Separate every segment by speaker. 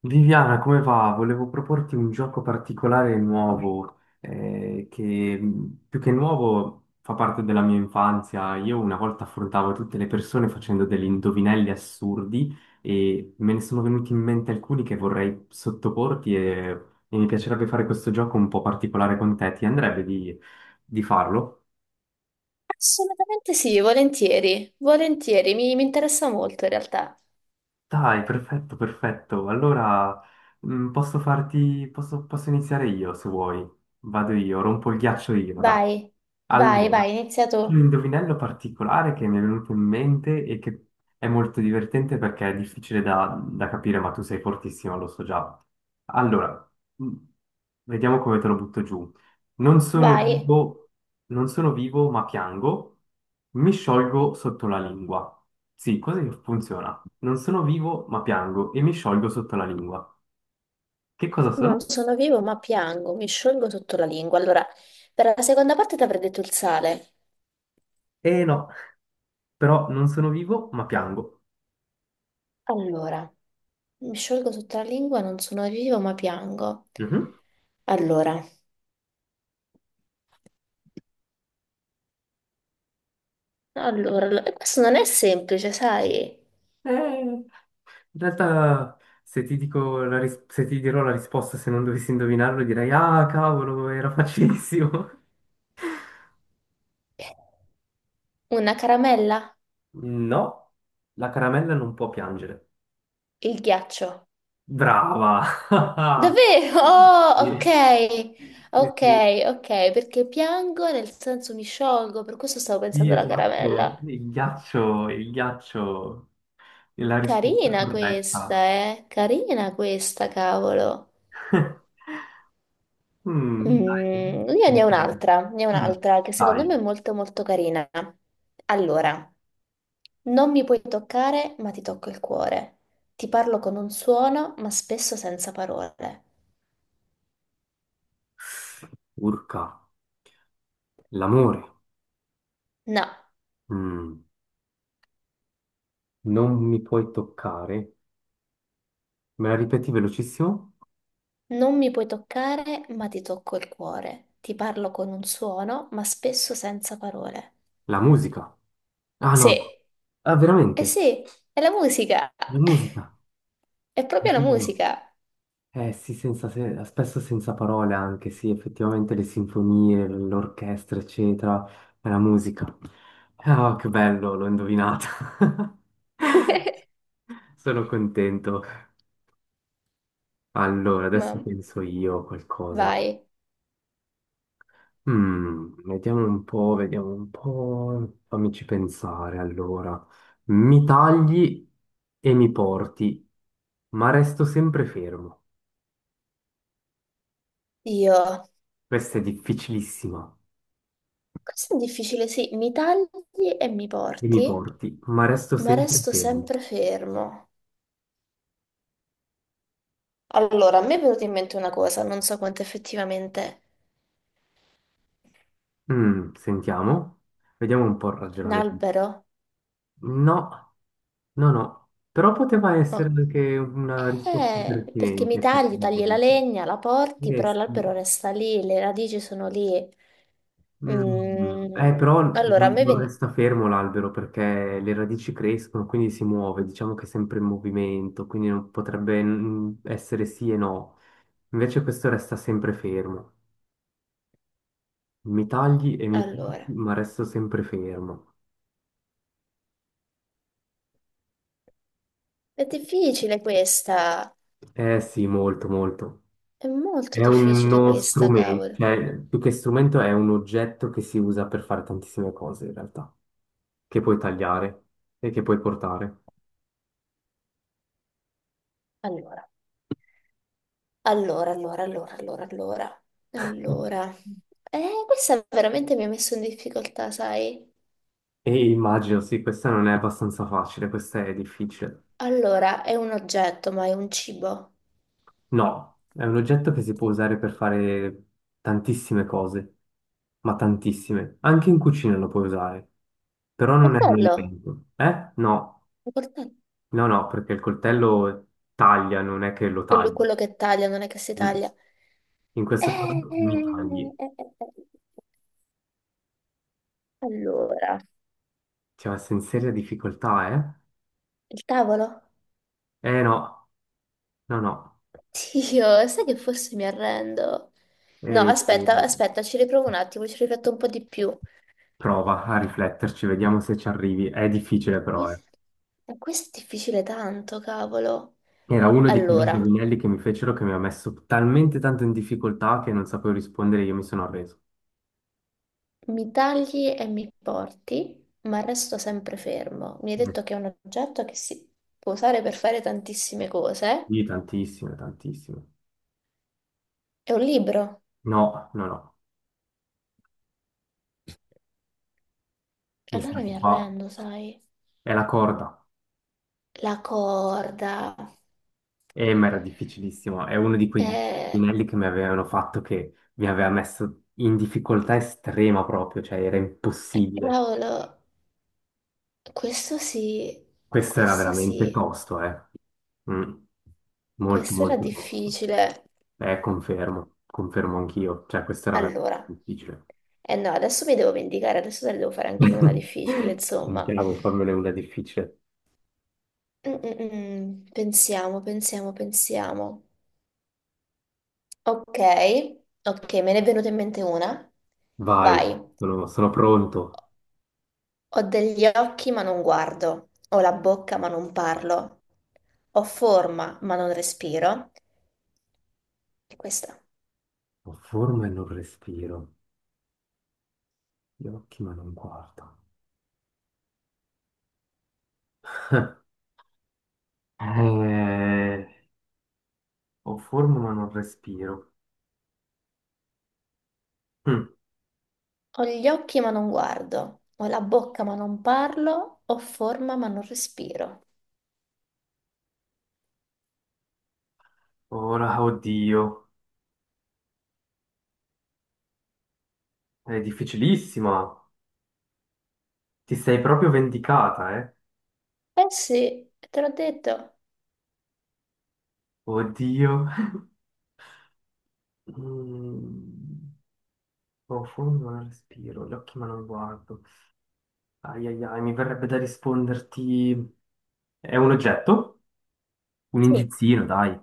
Speaker 1: Viviana, come va? Volevo proporti un gioco particolare e nuovo, che più che nuovo fa parte della mia infanzia. Io una volta affrontavo tutte le persone facendo degli indovinelli assurdi e me ne sono venuti in mente alcuni che vorrei sottoporti, e mi piacerebbe fare questo gioco un po' particolare con te. Ti andrebbe di farlo?
Speaker 2: Assolutamente sì, volentieri, volentieri, mi interessa molto in realtà.
Speaker 1: Dai, perfetto, perfetto. Allora, posso posso iniziare io se vuoi. Vado io, rompo il ghiaccio io, dai.
Speaker 2: Vai, vai, vai,
Speaker 1: Allora,
Speaker 2: inizia tu,
Speaker 1: un indovinello particolare che mi è venuto in mente e che è molto divertente perché è da capire, ma tu sei fortissimo, lo so già. Allora, mm, vediamo come te lo butto giù. Non sono
Speaker 2: vai.
Speaker 1: vivo, non sono vivo, ma piango. Mi sciolgo sotto la lingua. Sì, così funziona. Non sono vivo, ma piango e mi sciolgo sotto la lingua. Che cosa
Speaker 2: Non
Speaker 1: sono?
Speaker 2: sono vivo ma piango, mi sciolgo sotto la lingua. Allora, per la seconda parte ti avrei detto il sale.
Speaker 1: Eh no, però non sono vivo, ma piango.
Speaker 2: Allora, mi sciolgo sotto la lingua, non sono vivo ma piango.
Speaker 1: Mhm.
Speaker 2: Allora, allora, questo non è semplice, sai?
Speaker 1: In realtà, se ti dico la se ti dirò la risposta, se non dovessi indovinarlo, direi: Ah, cavolo, era facilissimo.
Speaker 2: Una caramella,
Speaker 1: No, la caramella non può piangere.
Speaker 2: il ghiaccio.
Speaker 1: Brava!
Speaker 2: Davvero? Oh,
Speaker 1: Sì,
Speaker 2: ok,
Speaker 1: sì,
Speaker 2: ok,
Speaker 1: sì,
Speaker 2: ok, perché piango nel senso mi sciolgo, per questo stavo
Speaker 1: sì,
Speaker 2: pensando alla
Speaker 1: esatto.
Speaker 2: caramella.
Speaker 1: Il ghiaccio è la risposta
Speaker 2: Carina questa,
Speaker 1: corretta.
Speaker 2: eh? Carina questa, cavolo.
Speaker 1: Mm, dai,
Speaker 2: Io
Speaker 1: senti.
Speaker 2: ne ho
Speaker 1: Mm,
Speaker 2: un'altra che secondo me
Speaker 1: dai.
Speaker 2: è molto molto carina. Allora, non mi puoi toccare, ma ti tocco il cuore. Ti parlo con un suono, ma spesso senza parole.
Speaker 1: Urca, l'amore.
Speaker 2: No.
Speaker 1: Mm, non mi puoi toccare. Me la ripeti velocissimo?
Speaker 2: Non mi puoi toccare, ma ti tocco il cuore. Ti parlo con un suono, ma spesso senza parole.
Speaker 1: La musica. Ah
Speaker 2: Sì,
Speaker 1: no, ah
Speaker 2: eh
Speaker 1: veramente,
Speaker 2: sì, è la musica.
Speaker 1: la musica.
Speaker 2: È proprio la
Speaker 1: Oddio.
Speaker 2: musica.
Speaker 1: Eh sì, senza se- spesso senza parole anche, sì, effettivamente le sinfonie, l'orchestra, eccetera, è la musica. Ah, che bello, l'ho indovinata. Sono contento. Allora, adesso
Speaker 2: Ma
Speaker 1: penso io a qualcosa.
Speaker 2: vai.
Speaker 1: Mm, vediamo un po', fammici pensare allora. Mi tagli e mi porti, ma resto sempre fermo.
Speaker 2: Io.
Speaker 1: Questa è difficilissima.
Speaker 2: Questo è difficile, sì. Mi tagli e mi
Speaker 1: E mi
Speaker 2: porti,
Speaker 1: porti, ma resto
Speaker 2: ma
Speaker 1: sempre
Speaker 2: resto
Speaker 1: fermo.
Speaker 2: sempre fermo. Allora, a me è venuta in mente una cosa, non so quanto effettivamente.
Speaker 1: Mm, sentiamo, vediamo un po' il
Speaker 2: Un
Speaker 1: ragionamento.
Speaker 2: albero?
Speaker 1: No, no, no, però poteva essere
Speaker 2: Ok.
Speaker 1: anche una risposta
Speaker 2: Perché
Speaker 1: pertinente,
Speaker 2: mi tagli, tagli la
Speaker 1: effettivamente.
Speaker 2: legna, la porti,
Speaker 1: Eh
Speaker 2: però l'albero
Speaker 1: sì.
Speaker 2: resta lì, le radici sono lì.
Speaker 1: Mm,
Speaker 2: Mm,
Speaker 1: però
Speaker 2: Allora, a
Speaker 1: non
Speaker 2: me
Speaker 1: non
Speaker 2: veni...
Speaker 1: resta fermo l'albero perché le radici crescono, quindi si muove, diciamo che è sempre in movimento, quindi non potrebbe essere sì e no. Invece questo resta sempre fermo. Mi tagli e mi porti,
Speaker 2: Allora,
Speaker 1: ma resto sempre fermo.
Speaker 2: è difficile questa,
Speaker 1: Eh sì, molto, molto.
Speaker 2: è molto
Speaker 1: È
Speaker 2: difficile
Speaker 1: uno
Speaker 2: questa,
Speaker 1: strumento,
Speaker 2: cavolo.
Speaker 1: cioè più che strumento è un oggetto che si usa per fare tantissime cose in realtà, che puoi tagliare e che puoi portare.
Speaker 2: Allora, allora, allora, allora, allora, allora. Allora, questa veramente mi ha messo in difficoltà, sai?
Speaker 1: E immagino, sì, questa non è abbastanza facile, questa è difficile.
Speaker 2: Allora, è un oggetto, ma è un cibo.
Speaker 1: No, è un oggetto che si può usare per fare tantissime cose, ma tantissime. Anche in cucina lo puoi usare, però non è un
Speaker 2: Coltello,
Speaker 1: alimento. Eh? No,
Speaker 2: un coltello.
Speaker 1: no, no, perché il coltello taglia, non è che lo
Speaker 2: Quello
Speaker 1: tagli.
Speaker 2: quello che taglia, non è che si
Speaker 1: Mm.
Speaker 2: taglia.
Speaker 1: In questo
Speaker 2: Eh, eh,
Speaker 1: caso mi
Speaker 2: eh,
Speaker 1: tagli.
Speaker 2: eh. eh, eh. Allora,
Speaker 1: Cioè, sei in seria difficoltà,
Speaker 2: il tavolo?
Speaker 1: eh? Eh no, no, no.
Speaker 2: Dio, sai che forse mi arrendo. No,
Speaker 1: E- e-
Speaker 2: aspetta, aspetta, ci riprovo un attimo, ci rifletto un po' di più.
Speaker 1: Prova a rifletterci, vediamo se ci arrivi. È difficile però, eh.
Speaker 2: Questo, questo è difficile tanto, cavolo.
Speaker 1: Era uno di quegli
Speaker 2: Allora,
Speaker 1: indovinelli che mi fecero che mi ha messo talmente tanto in difficoltà che non sapevo rispondere, io mi sono arreso.
Speaker 2: mi tagli e mi porti, ma resto sempre fermo. Mi hai
Speaker 1: Mm.
Speaker 2: detto che è un oggetto che si può usare per fare tantissime cose.
Speaker 1: Sì, tantissime, tantissime.
Speaker 2: È un libro.
Speaker 1: No, no, no,
Speaker 2: E
Speaker 1: mi sa
Speaker 2: allora
Speaker 1: che
Speaker 2: mi
Speaker 1: qua
Speaker 2: arrendo, sai.
Speaker 1: è la corda.
Speaker 2: La corda.
Speaker 1: E ma era difficilissimo, è uno di quei
Speaker 2: Eh,
Speaker 1: indovinelli che mi avevano fatto che mi aveva messo in difficoltà estrema proprio, cioè era impossibile.
Speaker 2: cavolo, questo sì,
Speaker 1: Questo era
Speaker 2: questo
Speaker 1: veramente
Speaker 2: sì,
Speaker 1: tosto, eh. Mm. Molto,
Speaker 2: questo era
Speaker 1: molto tosto.
Speaker 2: difficile.
Speaker 1: Confermo, confermo anch'io, cioè questo era veramente
Speaker 2: Allora,
Speaker 1: difficile.
Speaker 2: eh no, adesso mi devo vendicare, adesso te ne devo fare anche io una difficile, insomma.
Speaker 1: Sentiamo, fammene una difficile.
Speaker 2: Pensiamo, pensiamo, pensiamo. Ok, ok, me ne è venuta in mente una.
Speaker 1: Vai,
Speaker 2: Vai.
Speaker 1: sono pronto.
Speaker 2: Ho degli occhi ma non guardo, ho la bocca ma non parlo, ho forma ma non respiro. E questa.
Speaker 1: Ho forma e non respiro, gli occhi ma non guardo. Eh, ho forma ma non respiro. Hm,
Speaker 2: Ho gli occhi ma non guardo, ho la bocca ma non parlo, ho forma ma non respiro.
Speaker 1: ora, oddio, è difficilissima. Ti sei proprio vendicata, eh?
Speaker 2: Eh sì, te l'ho detto.
Speaker 1: Oddio. Mm, ho forma ma non respiro, gli occhi ma non guardo. Ai ai ai, mi verrebbe da risponderti... È un oggetto? Un
Speaker 2: Sì,
Speaker 1: indizino, dai.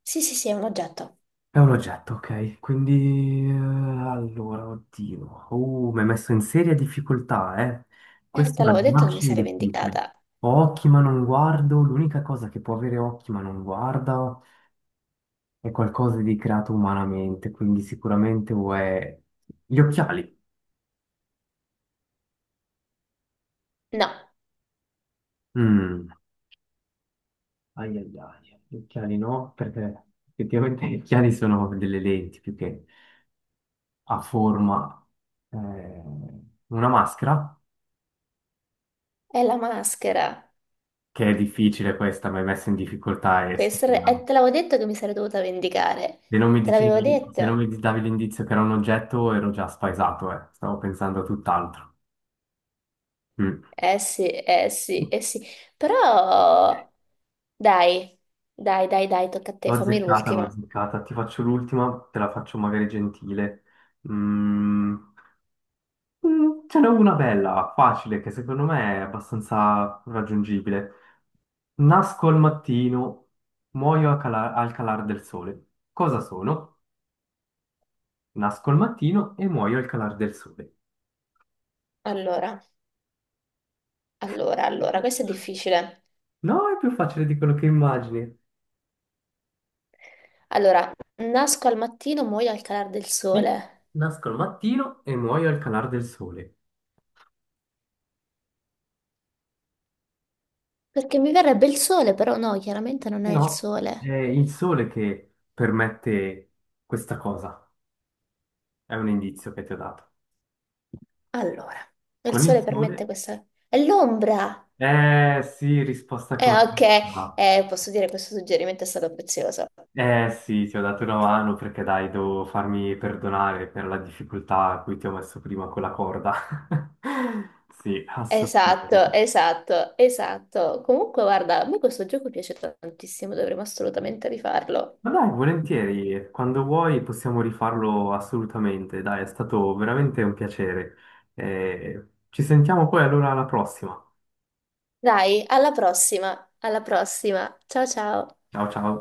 Speaker 2: sì, sì, sì, è un oggetto.
Speaker 1: È un oggetto, ok. Quindi, allora, oddio. Mi hai messo in seria difficoltà, eh. Questo
Speaker 2: Te
Speaker 1: è da
Speaker 2: l'avevo detto che mi
Speaker 1: facile e
Speaker 2: sarei
Speaker 1: difficile.
Speaker 2: vendicata.
Speaker 1: Ho occhi ma non guardo. L'unica cosa che può avere occhi ma non guarda è qualcosa di creato umanamente, quindi sicuramente o è... Gli occhiali.
Speaker 2: No,
Speaker 1: Mm. Ai ai ai. Gli occhiali no, perché effettivamente gli occhiali sono delle lenti più che a forma... eh, una maschera?
Speaker 2: è la maschera.
Speaker 1: Che è difficile questa, mi hai messo in difficoltà e se
Speaker 2: Questa è... te l'avevo detto che mi sarei dovuta vendicare.
Speaker 1: non mi
Speaker 2: Te l'avevo
Speaker 1: dicevi, se non
Speaker 2: detto.
Speaker 1: mi davi l'indizio che era un oggetto, ero già spaesato, eh. Stavo pensando a tutt'altro. Mm.
Speaker 2: Eh sì, eh sì, eh sì. Però... Dai, dai, dai, dai, tocca a te,
Speaker 1: L'ho
Speaker 2: fammi
Speaker 1: azzeccata, l'ho
Speaker 2: l'ultima.
Speaker 1: azzeccata. Ti faccio l'ultima, te la faccio magari gentile. Mm. Mm, ce n'è una bella, facile, che secondo me è abbastanza raggiungibile. Nasco al mattino, muoio al calar del sole. Cosa sono? Nasco al mattino e muoio al calar del sole.
Speaker 2: Allora, allora, allora, questo è difficile.
Speaker 1: No, è più facile di quello che immagini.
Speaker 2: Allora, nasco al mattino, muoio al calar del
Speaker 1: Sì,
Speaker 2: sole.
Speaker 1: nasco al mattino e muoio al calar del sole.
Speaker 2: Perché mi verrebbe il sole, però no, chiaramente non
Speaker 1: E
Speaker 2: è il
Speaker 1: no,
Speaker 2: sole.
Speaker 1: è il sole che permette questa cosa. È un indizio che ti ho dato.
Speaker 2: Allora, il
Speaker 1: Con il
Speaker 2: sole permette
Speaker 1: sole?
Speaker 2: questa... È l'ombra!
Speaker 1: Eh sì, risposta
Speaker 2: Ok,
Speaker 1: corretta.
Speaker 2: posso dire che questo suggerimento è stato prezioso.
Speaker 1: Eh sì, ti ho dato una mano perché dai, devo farmi perdonare per la difficoltà a cui ti ho messo prima con la corda. Sì,
Speaker 2: Esatto,
Speaker 1: assolutamente.
Speaker 2: esatto, esatto. Comunque, guarda, a me questo gioco piace tantissimo, dovremmo assolutamente rifarlo.
Speaker 1: Ma dai, volentieri, quando vuoi possiamo rifarlo assolutamente. Dai, è stato veramente un piacere. Ci sentiamo poi allora alla prossima.
Speaker 2: Dai, alla prossima, alla prossima. Ciao ciao.
Speaker 1: Ciao ciao.